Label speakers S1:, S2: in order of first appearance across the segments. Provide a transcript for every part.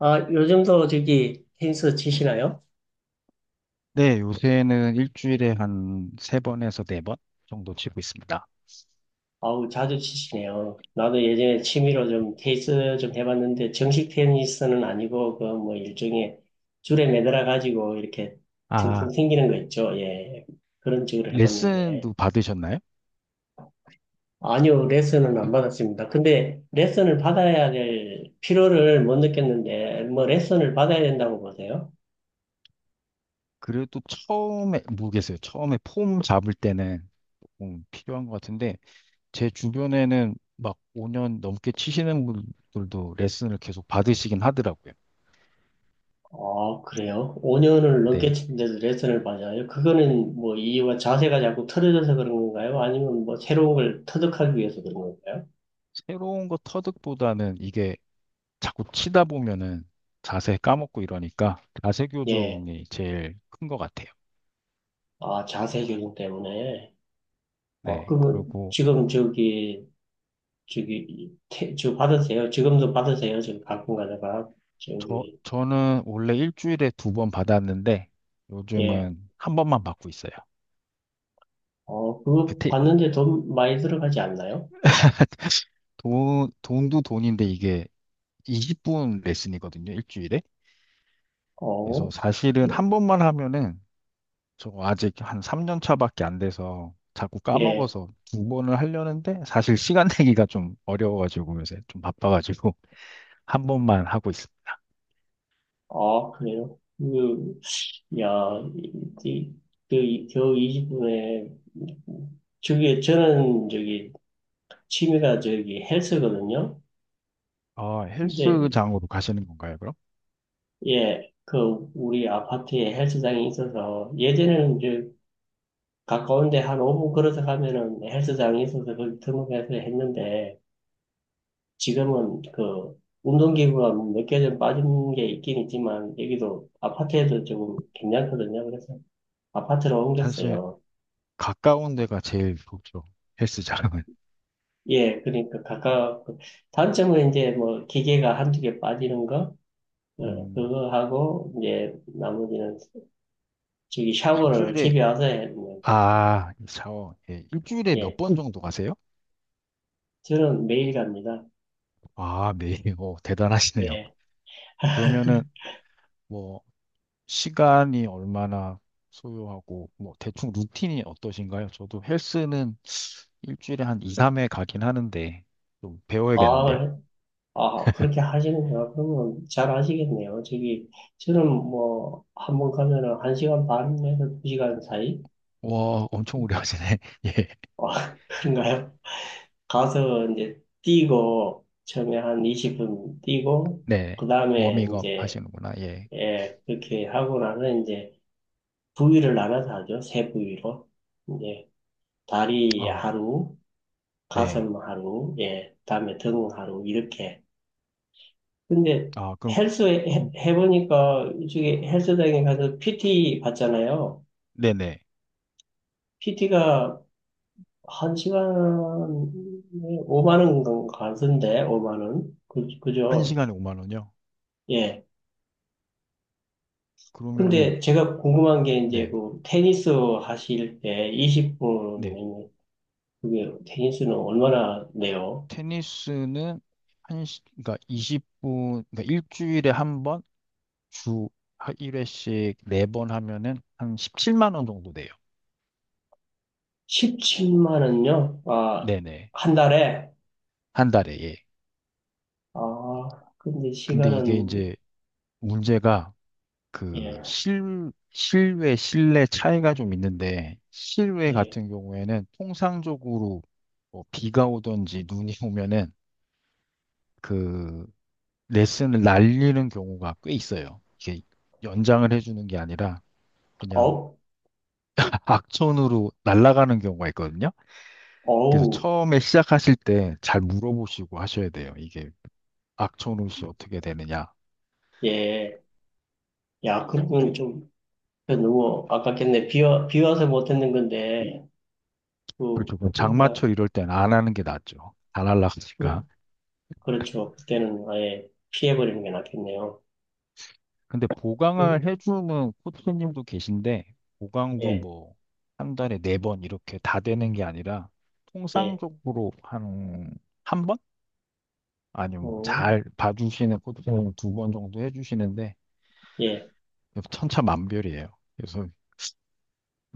S1: 아, 요즘도 저기 테니스 치시나요?
S2: 네, 요새는 일주일에 한 세 번에서 네 번 정도 치고 있습니다.
S1: 아우, 자주 치시네요. 나도 예전에 취미로 좀 테니스 좀 해봤는데, 정식 테니스는 아니고, 그 뭐 일종의 줄에 매달아가지고 이렇게 튕튕
S2: 아,
S1: 튕기는 거 있죠. 예. 그런 식으로 해봤는데.
S2: 레슨도 받으셨나요?
S1: 아니요, 레슨은 안 받았습니다. 근데 레슨을 받아야 될 필요를 못 느꼈는데, 뭐 레슨을 받아야 된다고 보세요?
S2: 그래도 처음에, 모르겠어요. 처음에 폼 잡을 때는 조금 필요한 것 같은데, 제 주변에는 막 5년 넘게 치시는 분들도 레슨을 계속 받으시긴 하더라고요.
S1: 아, 그래요? 5년을 넘게
S2: 네,
S1: 친데도 레슨을 받아요? 그거는 뭐 이유가 자세가 자꾸 틀어져서 그런 건가요? 아니면 뭐 새로운 걸 터득하기 위해서 그런 건가요?
S2: 새로운 거 터득보다는 이게 자꾸 치다 보면은 자세 까먹고 이러니까 자세
S1: 예.
S2: 교정이 제일 큰 것 같아요.
S1: 아, 자세 교정 때문에. 아,
S2: 네,
S1: 그러면
S2: 그리고
S1: 지금 저기, 저 받으세요? 지금도 받으세요? 지금 가끔 가다가.
S2: 저,
S1: 저기,
S2: 저는 원래 일주일에 두 번 받았는데
S1: 예.
S2: 요즘은 한 번만 받고 있어요.
S1: 어,
S2: 그
S1: 그거
S2: 테,
S1: 받는데 돈 많이 들어가지 않나요?
S2: 돈도 돈인데 이게 20분 레슨이거든요, 일주일에. 그래서
S1: 어,
S2: 사실은 한 번만 하면은 저거 아직 한 3년 차밖에 안 돼서 자꾸
S1: 예.
S2: 까먹어서 두 번을 하려는데 사실 시간 내기가 좀 어려워가지고 요새 좀 바빠가지고 한 번만 하고 있습니다.
S1: 아, 그래요? 그, 야, 이, 이- 겨우 20분에 저기 저는 저기 취미가 저기 헬스거든요.
S2: 아,
S1: 이제
S2: 헬스장으로 가시는 건가요, 그럼?
S1: 예, 그 우리 아파트에 헬스장이 있어서 예전에는 이제 가까운데 한 5분 걸어서 가면은 헬스장이 있어서 거기 등록해서 했는데 지금은 그 운동기구가 몇 개 좀 빠진 게 있긴 있지만 여기도 아파트에도 조금 괜찮거든요. 그래서 아파트로
S2: 사실
S1: 옮겼어요.
S2: 가까운 데가 제일 좋죠, 헬스장은.
S1: 예, 그러니까 가까 단점은 이제 뭐 기계가 한 두 개 빠지는 거 어,
S2: 음,
S1: 그거 하고 이제 나머지는 저기 샤워를
S2: 일주일에
S1: 집에 와서 해. 뭐,
S2: 아, 샤워. 예, 일주일에 몇
S1: 예,
S2: 번 정도 가세요?
S1: 저는 매일 갑니다.
S2: 아, 매일. 오, 대단하시네요.
S1: 예.
S2: 그러면은 뭐 시간이 얼마나 소요하고 뭐 대충 루틴이 어떠신가요? 저도 헬스는 일주일에 한 2, 3회 가긴 하는데 좀 배워야겠는데요.
S1: 아, 아, 그렇게 하시는구나. 그러면 잘 하시겠네요. 저기, 저는 뭐, 한번 가면은 한 시간 반에서 두 시간 사이?
S2: 와, 엄청 오래 하시네. 예.
S1: 어, 그런가요? 가서 이제 뛰고, 처음에 한 20분 뛰고,
S2: 네.
S1: 그 다음에
S2: 워밍업
S1: 이제,
S2: 하시는구나. 예.
S1: 예, 그렇게 하고 나서 이제 부위를 나눠서 하죠. 세 부위로. 다리
S2: 아,
S1: 하루,
S2: 네.
S1: 가슴 하루, 예, 다음에 등 하루, 이렇게. 근데
S2: 아, 그럼
S1: 헬스
S2: 그
S1: 해보니까 이쪽에 헬스장에 가서 PT 받잖아요.
S2: 네네.
S1: PT가 한 시간에 5만 원 가던데, 5만 원.
S2: 한
S1: 그죠?
S2: 시간에 5만 원이요?
S1: 예.
S2: 그러면은
S1: 근데 제가 궁금한 게 이제
S2: 네.
S1: 그 테니스 하실 때
S2: 네.
S1: 20분, 그게 테니스는 얼마나 내요?
S2: 테니스는 한 시, 그러니까 20분, 그러니까 일주일에 한 번, 주 1회씩 4번 하면은 한 17만 원 정도 돼요.
S1: 17만 원요? 아,
S2: 네네.
S1: 한 달에?
S2: 한 달에, 예.
S1: 아, 근데
S2: 근데 이게
S1: 시간은,
S2: 이제 문제가 그
S1: 예,
S2: 실, 실외, 실내 차이가 좀 있는데, 실외
S1: 예.
S2: 같은 경우에는 통상적으로 뭐 비가 오든지 눈이 오면은 그 레슨을 날리는 경우가 꽤 있어요. 이게 연장을 해주는 게 아니라 그냥
S1: 어,
S2: 악천후로 날아가는 경우가 있거든요. 그래서
S1: 어우,
S2: 처음에 시작하실 때 잘 물어보시고 하셔야 돼요. 이게 악천후 시 어떻게 되느냐.
S1: 예. 야, 그러면 좀, 그 너무 아깝겠네. 비 와서 못 했는 건데,
S2: 그렇죠. 그럼
S1: 그러니까,
S2: 장마철 이럴 땐 안 하는 게 낫죠. 다 날아가니까.
S1: 그, 그렇죠. 그때는 아예 피해버리는 게 낫겠네요.
S2: 근데
S1: 음,
S2: 보강을 해주는 코치님도 계신데 보강도
S1: 예,
S2: 뭐 한 달에 네 번 이렇게 다 되는 게 아니라
S1: 예,
S2: 통상적으로 한 한 번? 아니면
S1: 어,
S2: 뭐잘 봐주시는 코치님 두 번 정도 해주시는데
S1: 예,
S2: 천차만별이에요. 그래서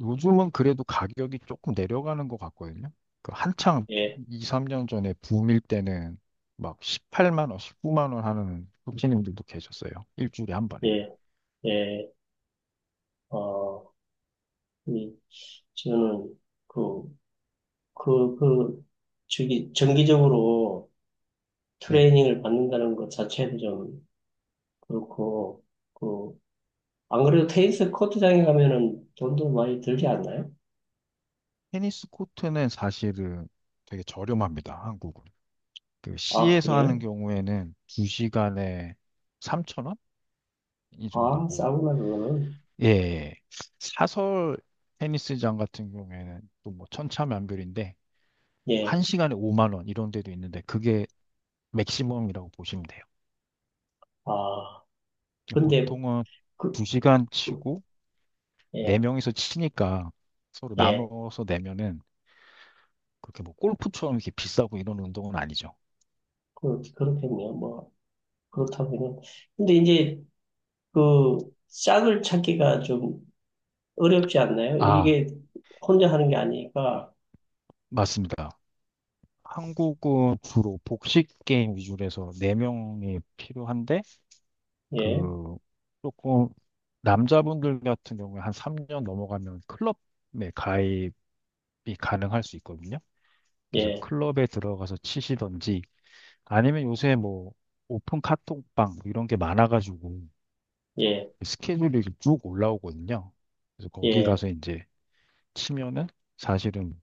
S2: 요즘은 그래도 가격이 조금 내려가는 것 같거든요. 그 한창
S1: 예,
S2: 2, 3년 전에 붐일 때는 막 18만 원, 19만 원 하는 소비자님들도 계셨어요. 일주일에 한 번에.
S1: 예, 예, 어, 이, 저는, 그, 그, 저기, 정기적으로
S2: 네.
S1: 트레이닝을 받는다는 것 자체도 좀 그렇고, 그 안 그래도 테니스 코트장에 가면은 돈도 많이 들지 않나요?
S2: 테니스 코트는 사실은 되게 저렴합니다. 한국은. 그
S1: 아,
S2: C에서 하는
S1: 그래요?
S2: 경우에는 2시간에 3천 원? 이
S1: 아,
S2: 정도고.
S1: 싸구나, 그거는.
S2: 예. 예. 예. 사설 테니스장 같은 경우에는 또 뭐 천차만별인데
S1: 예,
S2: 1시간에 5만 원 이런 데도 있는데 그게 맥시멈이라고 보시면 돼요.
S1: 아, 근데,
S2: 보통은
S1: 그,
S2: 2시간 치고
S1: 예,
S2: 4명이서 치니까 서로
S1: 예,
S2: 나눠서 내면은 그렇게 뭐 골프처럼 이렇게 비싸고 이런 운동은 아니죠.
S1: 그렇겠네요. 뭐, 그렇다면은. 근데 이제, 그, 짝을 찾기가 좀 어렵지 않나요?
S2: 아,
S1: 이게 혼자 하는 게 아니니까,
S2: 맞습니다. 한국은 주로 복식 게임 위주로 해서 4명이 필요한데
S1: 예,
S2: 그 조금 남자분들 같은 경우에 한 3년 넘어가면 클럽에 가입이 가능할 수 있거든요. 그래서
S1: 예,
S2: 클럽에 들어가서 치시던지 아니면 요새 뭐 오픈 카톡방 뭐 이런 게 많아가지고
S1: 예,
S2: 그 스케줄이 이렇게 쭉 올라오거든요. 그래서 거기
S1: 예.
S2: 가서 이제 치면은 사실은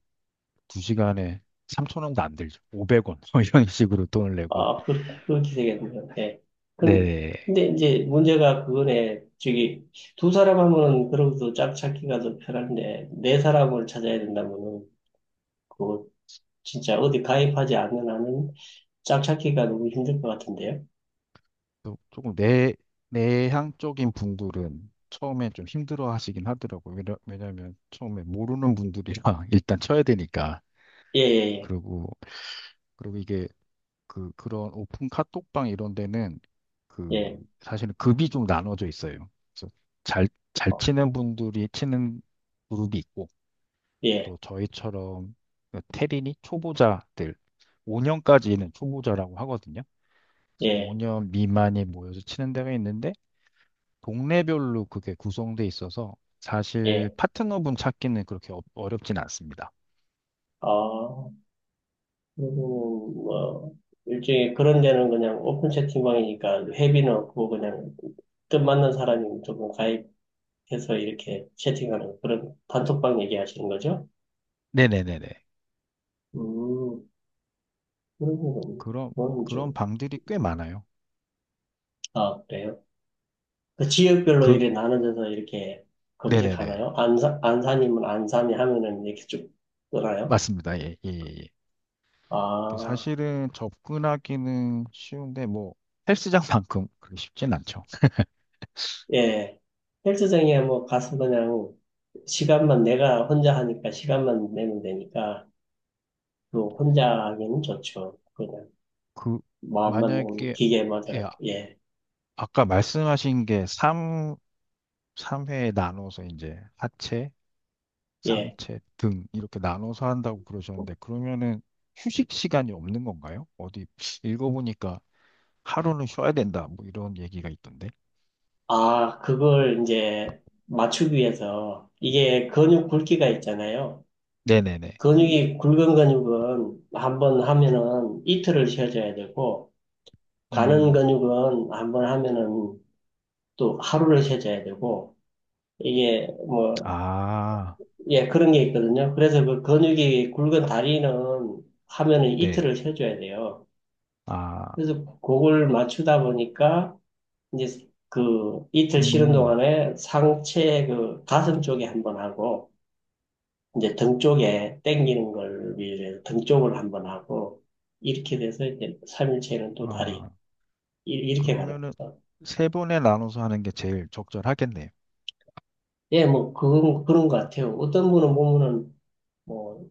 S2: 두시간에 3,000원도 안 들죠. 500원 이런 식으로 돈을 내고
S1: 아, 그렇게 되겠네요. 예. 근-
S2: 네.
S1: 근데 이제 문제가 그거네. 저기, 두 사람 하면은 그래도 짝 찾기가 더 편한데, 네 사람을 찾아야 된다면은, 그거 진짜 어디 가입하지 않는 한은 짝 찾기가 너무 힘들 것 같은데요?
S2: 또 조금 내 내향적인 분들은 처음에 좀 힘들어 하시긴 하더라고요. 왜냐면 처음에 모르는 분들이랑 일단 쳐야 되니까.
S1: 예,
S2: 그리고 그리고 이게 그런 오픈 카톡방 이런 데는
S1: 예, 예,
S2: 그
S1: 예,
S2: 사실은 급이 좀 나눠져 있어요. 그래서 잘 잘
S1: 어,
S2: 치는 분들이 치는 그룹이 있고
S1: 예,
S2: 또 저희처럼 그 테린이 초보자들 5년까지는 초보자라고 하거든요. 그래서
S1: 예,
S2: 5년 미만이 모여서 치는 데가 있는데 동네별로 그게 구성돼 있어서 사실
S1: 예.
S2: 파트너분 찾기는 그렇게 어, 어렵진 않습니다.
S1: 아, 그리고 뭐, 일종의 그런 데는 그냥 오픈 채팅방이니까 회비는 없고 그냥 뜻 맞는 사람이 조금 가입 해서 이렇게 채팅하는 그런 단톡방 얘기하시는 거죠?
S2: 네네네네.
S1: 음, 그런 건,
S2: 그런
S1: 그건
S2: 그런
S1: 좀,
S2: 방들이 꽤 많아요.
S1: 아, 그래요? 그 지역별로
S2: 그
S1: 이래 나눠져서 이렇게
S2: 네네네.
S1: 검색하나요? 안산이면 안산이 하면은 이렇게 쭉 뜨나요?
S2: 맞습니다. 예, 예, 예. 이게
S1: 아,
S2: 사실은 접근하기는 쉬운데 뭐 헬스장만큼 그리 쉽진 않죠.
S1: 예. 헬스장에 뭐 가서 그냥 시간만 내가 혼자 하니까 시간만 내면 되니까 또 혼자 하기는 좋죠. 그냥
S2: 그
S1: 마음만
S2: 만약에
S1: 기계에
S2: 예, 아-
S1: 맞아가지고, 예,
S2: 아까 말씀하신 게 삼회에 나눠서 이제 하체,
S1: 예.
S2: 상체, 등 이렇게 나눠서 한다고 그러셨는데 그러면은 휴식 시간이 없는 건가요? 어디 읽어보니까 하루는 쉬어야 된다 뭐 이런 얘기가 있던데.
S1: 아, 그걸 이제 맞추기 위해서 이게 근육 굵기가 있잖아요.
S2: 네네네.
S1: 근육이 굵은 근육은 한번 하면은 이틀을 쉬어줘야 되고 가는
S2: 음,
S1: 근육은 한번 하면은 또 하루를 쉬어줘야 되고 이게 뭐,
S2: 아,
S1: 예, 그런 게 있거든요. 그래서 그 근육이 굵은 다리는 하면은
S2: 네.
S1: 이틀을 쉬어줘야 돼요.
S2: 아,
S1: 그래서 그걸 맞추다 보니까 이제 그 이틀 쉬는
S2: 음,
S1: 동안에 상체 그 가슴 쪽에 한번 하고 이제 등 쪽에 당기는 걸 위해서 등 쪽을 한번 하고 이렇게 돼서 이제 3일체는 또 다리
S2: 아,
S1: 이렇게 가는
S2: 그러면은
S1: 거죠.
S2: 세 번에 나눠서 하는 게 제일 적절하겠네요.
S1: 예, 뭐 그건 그런 것 같아요. 어떤 분은 보면은 뭐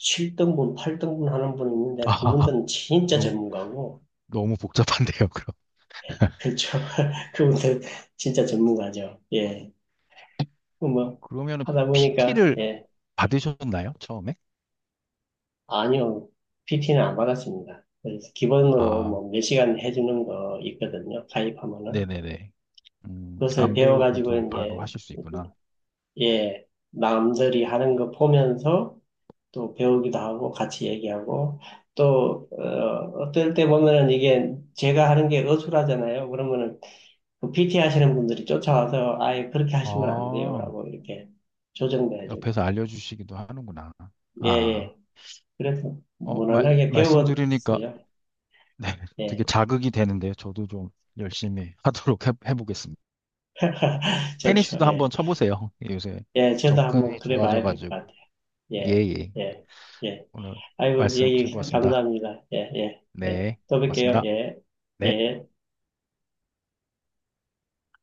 S1: 7등분, 8등분 하는 분이 있는데
S2: 아,
S1: 그분들은 진짜
S2: 너무,
S1: 전문가고
S2: 너무 복잡한데요, 그럼.
S1: 그렇죠. 그분들 진짜 전문가죠. 예. 그 뭐
S2: 그러면은
S1: 하다 보니까
S2: PT를
S1: 예.
S2: 받으셨나요? 처음에?
S1: 아니요. PT는 안 받았습니다. 그래서 기본으로 뭐
S2: 아,
S1: 몇 시간 해주는 거 있거든요. 가입하면은.
S2: 네네네.
S1: 그것을
S2: 안
S1: 배워가지고
S2: 배우고도 바로
S1: 이제
S2: 하실 수 있구나.
S1: 예 남들이 하는 거 보면서 또 배우기도 하고 같이 얘기하고 또 어, 어떨 때 보면은 이게 제가 하는 게 어수라잖아요. 그러면은 그 PT 하시는 분들이 쫓아와서 아예 그렇게 하시면 안
S2: 아,
S1: 돼요라고 이렇게 조정도 해고
S2: 옆에서 알려주시기도 하는구나.
S1: 예
S2: 아,
S1: 예. 그래서
S2: 어, 말,
S1: 무난하게
S2: 말씀 드리니까
S1: 배웠어요.
S2: 네, 되게
S1: 예.
S2: 자극이 되는데요. 저도 좀 열심히 하도록 해보겠습니다.
S1: 좋죠.
S2: 테니스도 한번
S1: 예.
S2: 쳐보세요. 요새
S1: 예, 저도 한번
S2: 접근이
S1: 그래 봐야 될 것
S2: 좋아져가지고.
S1: 같아요.
S2: 예,
S1: 예.
S2: 예.
S1: 예. 예.
S2: 오늘
S1: 아이고,
S2: 말씀
S1: 얘기
S2: 즐거웠습니다.
S1: 감사합니다. 예, 예, 예.
S2: 네,
S1: 또 뵐게요.
S2: 고맙습니다.
S1: 예,
S2: 네.
S1: 예.